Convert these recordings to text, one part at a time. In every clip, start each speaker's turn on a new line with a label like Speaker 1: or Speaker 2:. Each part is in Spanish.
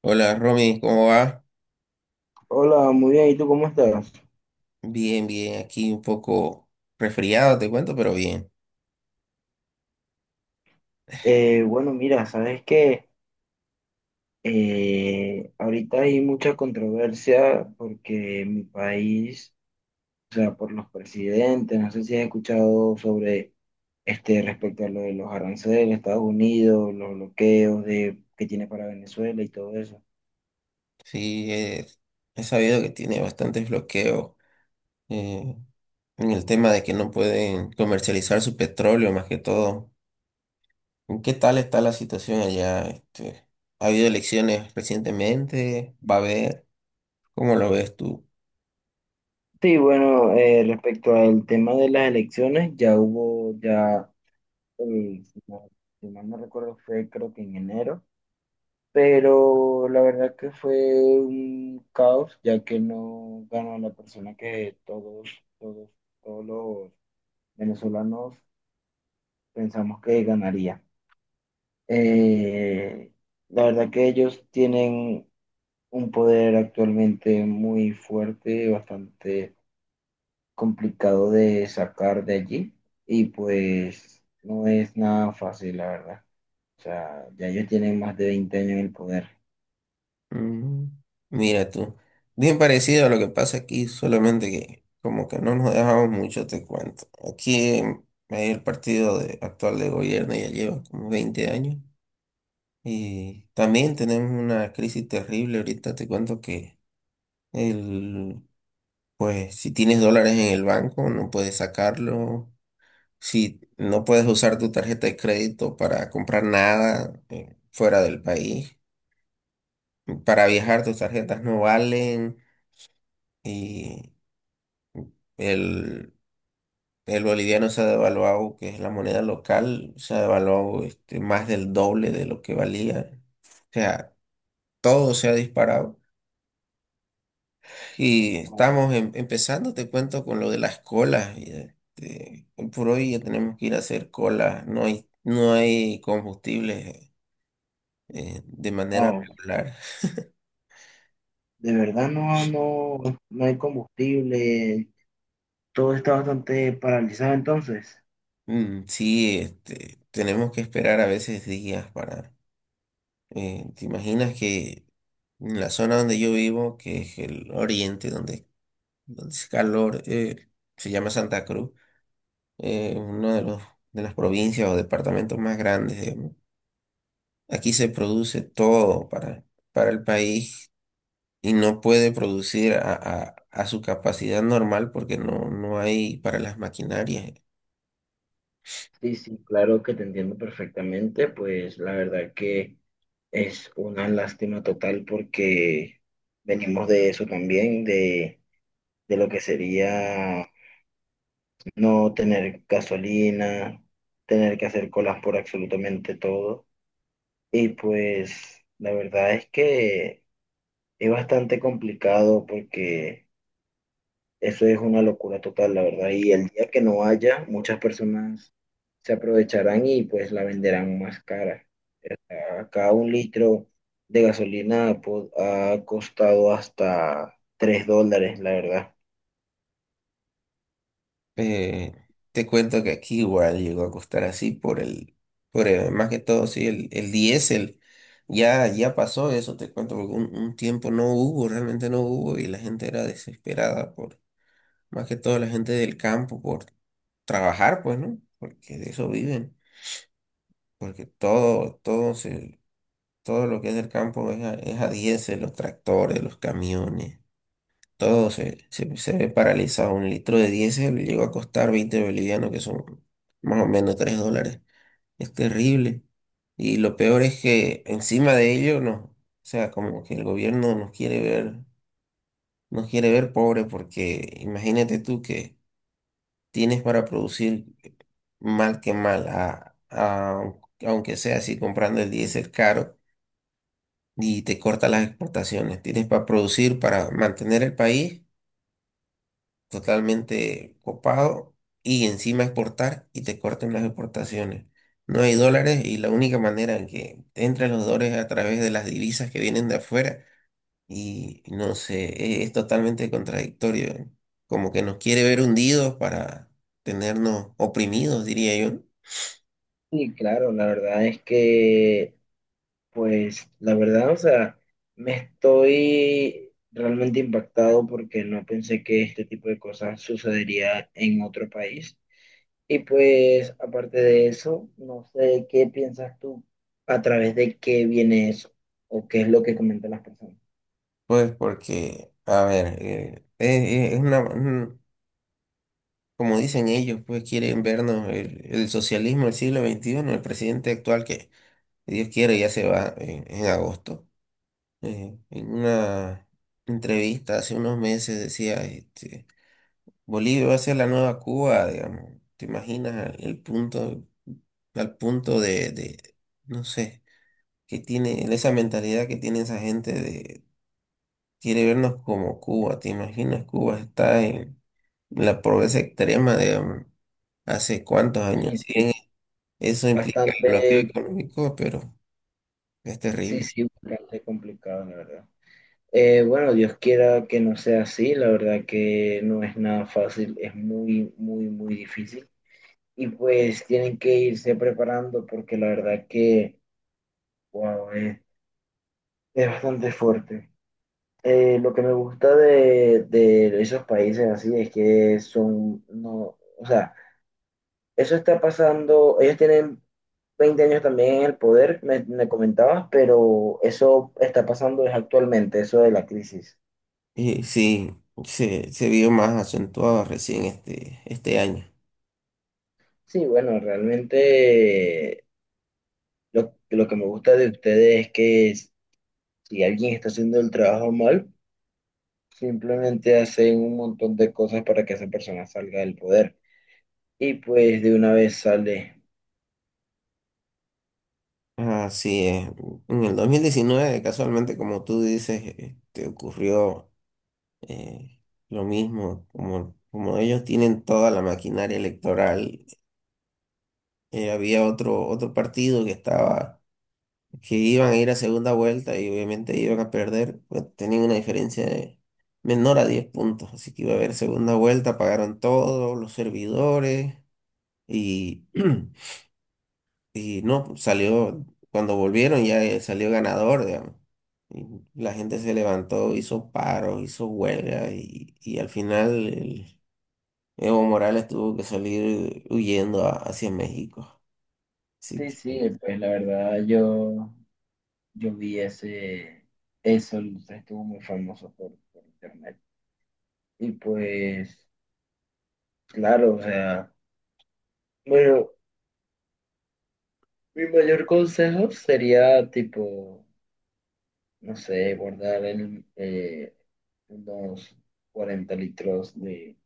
Speaker 1: Hola Romy, ¿cómo va?
Speaker 2: Hola, muy bien. ¿Y tú cómo estás?
Speaker 1: Bien, bien, aquí un poco resfriado, te cuento, pero bien.
Speaker 2: Bueno, Mira, sabes que ahorita hay mucha controversia porque mi país, o sea, por los presidentes, no sé si has escuchado sobre este respecto a lo de los aranceles, Estados Unidos, los bloqueos de, que tiene para Venezuela y todo eso.
Speaker 1: Sí, he sabido que tiene bastantes bloqueos eh, en el tema de que no pueden comercializar su petróleo, más que todo. ¿Qué tal está la situación allá? Este, ¿ha habido elecciones recientemente? ¿Va a haber? ¿Cómo lo ves tú?
Speaker 2: Sí, bueno, respecto al tema de las elecciones, ya hubo, ya, eh, si mal si mal no recuerdo, fue creo que en enero. Pero la verdad que fue un caos, ya que no ganó la persona que todos, todos, todos los venezolanos pensamos que ganaría. Eh, la verdad que ellos tienen un poder actualmente muy fuerte, bastante complicado de sacar de allí, y pues no es nada fácil, la verdad. O sea, ya ellos tienen más de 20 años en el poder.
Speaker 1: Mm, Mira tú, bien parecido a lo que pasa aquí, solamente que como que no nos dejamos mucho, te cuento. Aquí hay el partido actual de gobierno ya lleva como 20 años y también tenemos una crisis terrible. Ahorita te cuento que el, pues si tienes dólares en el banco no puedes sacarlo, si no puedes usar tu tarjeta de crédito para comprar nada fuera del país, para viajar tus tarjetas no valen. Y El, el boliviano se ha devaluado, que es la moneda local, se ha devaluado más del doble de lo que valía. O sea, todo se ha disparado. Y estamos empezando, te cuento, con lo de las colas. Y, este, hoy por hoy ya tenemos que ir a hacer colas. No hay combustible de manera
Speaker 2: No,
Speaker 1: regular.
Speaker 2: de verdad no, no hay combustible, todo está bastante paralizado entonces.
Speaker 1: Mm, sí, este, tenemos que esperar a veces días para. ¿Te imaginas que en la zona donde yo vivo, que es el oriente, donde es calor, se llama Santa Cruz, uno de los, de las provincias o departamentos más grandes, digamos. Aquí se produce todo para el país y no puede producir a su capacidad normal porque no hay para las maquinarias.
Speaker 2: Sí, sí, claro que te entiendo perfectamente, pues la verdad que es una lástima total porque venimos de eso también, de lo que sería no tener gasolina, tener que hacer colas por absolutamente todo. Y pues la verdad es que es bastante complicado porque... Eso es una locura total, la verdad. Y el día que no haya, muchas personas se aprovecharán y pues la venderán más cara. Acá un litro de gasolina ha costado hasta $3, la verdad.
Speaker 1: Eh, te cuento que aquí igual llegó a costar así más que todo, sí, el diésel. Ya, ya pasó eso, te cuento, porque un tiempo no hubo, realmente no hubo, y la gente era desesperada por, más que todo la gente del campo, por trabajar, pues, ¿no? Porque de eso viven, porque todo lo que es del campo es a diésel, los tractores, los camiones. Todo se ve paralizado. Un litro de diésel llegó a costar 20 bolivianos, que son más o menos 3 dólares. Es terrible. Y lo peor es que encima de ello, no, o sea, como que el gobierno nos quiere ver pobre porque imagínate tú que tienes para producir mal que mal, aunque sea así comprando el diésel caro y te corta las exportaciones. Tienes para producir, para mantener el país totalmente copado y encima exportar y te corten las exportaciones. No hay dólares y la única manera en que te entran los dólares es a través de las divisas que vienen de afuera y no sé, es, totalmente contradictorio. Como que nos quiere ver hundidos para tenernos oprimidos, diría yo.
Speaker 2: Y claro, la verdad es que, pues, la verdad, o sea, me estoy realmente impactado porque no pensé que este tipo de cosas sucedería en otro país. Y pues, aparte de eso, no sé qué piensas tú a través de qué viene eso o qué es lo que comentan las personas.
Speaker 1: Pues porque, a ver, es- es una, un- como dicen ellos, pues quieren vernos el socialismo del siglo XXI, el presidente actual que si Dios quiere, ya se va en agosto. En una entrevista hace unos meses decía, Bolivia va a ser la nueva Cuba, digamos. ¿Te imaginas el punto, al punto no sé, que tiene, esa mentalidad que tiene esa gente de, quiere vernos como Cuba? ¿Te imaginas? Cuba está en la pobreza extrema, digamos, hace cuántos
Speaker 2: Sí,
Speaker 1: años.
Speaker 2: sí.
Speaker 1: Sí, eso implica
Speaker 2: Bastante,
Speaker 1: el bloqueo económico, pero es
Speaker 2: sí,
Speaker 1: terrible.
Speaker 2: sí, bastante complicado, la verdad. Bueno, Dios quiera que no sea así, la verdad que no es nada fácil, es muy, muy, muy difícil. Y pues tienen que irse preparando porque la verdad wow, es bastante fuerte. Lo que me gusta de esos países así es que son, no, o sea, eso está pasando, ellos tienen 20 años también en el poder, me comentabas, pero eso está pasando es actualmente, eso de la crisis.
Speaker 1: Y sí, se vio más acentuado recién este año.
Speaker 2: Sí, bueno, realmente lo que me gusta de ustedes es que si alguien está haciendo el trabajo mal, simplemente hacen un montón de cosas para que esa persona salga del poder y pues de una vez sale.
Speaker 1: Así es. En el 2019 casualmente, como tú dices, te ocurrió eh, lo mismo. Como ellos tienen toda la maquinaria electoral, había otro partido que estaba, que iban a ir a segunda vuelta y obviamente iban a perder. Pues, tenían una diferencia de menor a 10 puntos. Así que iba a haber segunda vuelta, pagaron todos los servidores y. Y no, salió, cuando volvieron ya salió ganador, digamos. Y la gente se levantó, hizo paros, hizo huelga y al final el Evo Morales tuvo que salir huyendo hacia México. Así
Speaker 2: Sí,
Speaker 1: que
Speaker 2: sí, pues la verdad yo vi ese, eso, estuvo muy famoso por internet. Y pues, claro, o sea, bueno, mi mayor consejo sería tipo, no sé, guardar el, unos 40 litros de,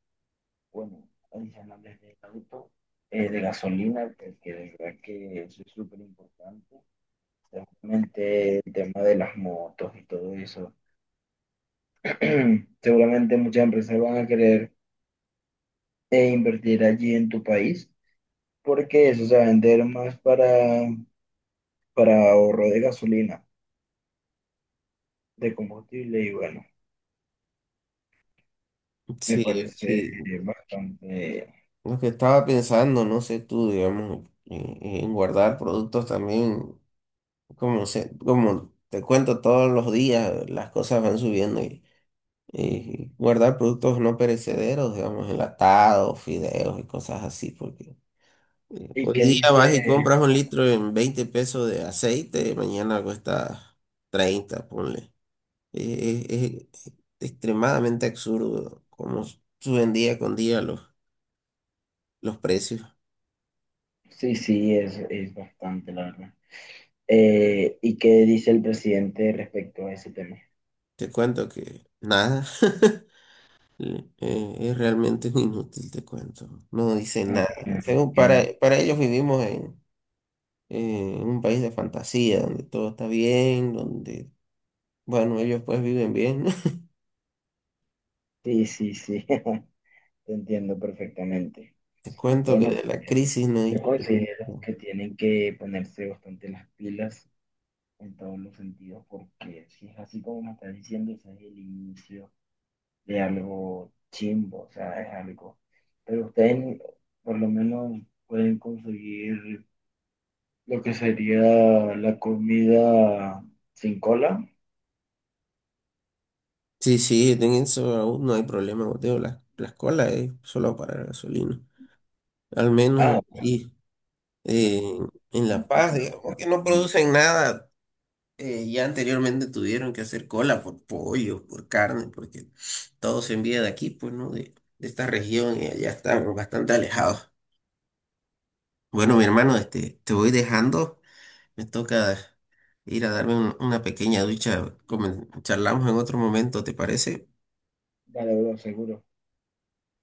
Speaker 2: bueno, adicionales de auto, de gasolina, porque de verdad que eso es súper importante. Realmente el tema de las motos y todo eso seguramente muchas empresas van a querer invertir allí en tu país porque eso se va a vender más para ahorro de gasolina, de combustible y bueno, me
Speaker 1: sí,
Speaker 2: parece
Speaker 1: sí,
Speaker 2: bastante.
Speaker 1: lo que estaba pensando, no sé tú, digamos, en, guardar productos también, como te cuento todos los días, las cosas van subiendo. Y guardar productos no perecederos, digamos, enlatados, fideos y cosas así, porque
Speaker 2: ¿Y
Speaker 1: hoy
Speaker 2: qué
Speaker 1: día vas
Speaker 2: dice?
Speaker 1: y compras un litro en 20 pesos de aceite, mañana cuesta 30 ponle. Es extremadamente absurdo cómo suben día con día los precios.
Speaker 2: Sí, sí, es bastante, la verdad. ¿Y qué dice el presidente respecto a ese tema?
Speaker 1: Te cuento que nada, es realmente un inútil, te cuento. No dicen
Speaker 2: Ah,
Speaker 1: nada. Según para,
Speaker 2: ok.
Speaker 1: para ellos vivimos en un país de fantasía, donde todo está bien, donde, bueno, ellos pues viven bien.
Speaker 2: Sí, sí, sí, te entiendo perfectamente.
Speaker 1: Te cuento que
Speaker 2: Bueno,
Speaker 1: de la
Speaker 2: pues,
Speaker 1: crisis no
Speaker 2: yo
Speaker 1: hay...
Speaker 2: considero que tienen que ponerse bastante las pilas en todos los sentidos, porque si es así como me estás diciendo, ese es el inicio de algo chimbo, o sea, es algo. Pero ustedes por lo menos pueden conseguir lo que sería la comida sin cola.
Speaker 1: Sí, sí, en eso aún no hay problema, Mateo. La escuela es solo para la gasolina. Al menos
Speaker 2: Ah,
Speaker 1: aquí
Speaker 2: al
Speaker 1: eh,
Speaker 2: menos.
Speaker 1: en La Paz, digamos que no producen nada. Ya anteriormente tuvieron que hacer cola por pollo, por carne, porque todo se envía de aquí, pues, ¿no? De esta región y allá están bastante alejados. Bueno, mi hermano, este, te voy dejando. Me toca ir a darme una pequeña ducha. Charlamos en otro momento, ¿te parece?
Speaker 2: Vale, bro, seguro.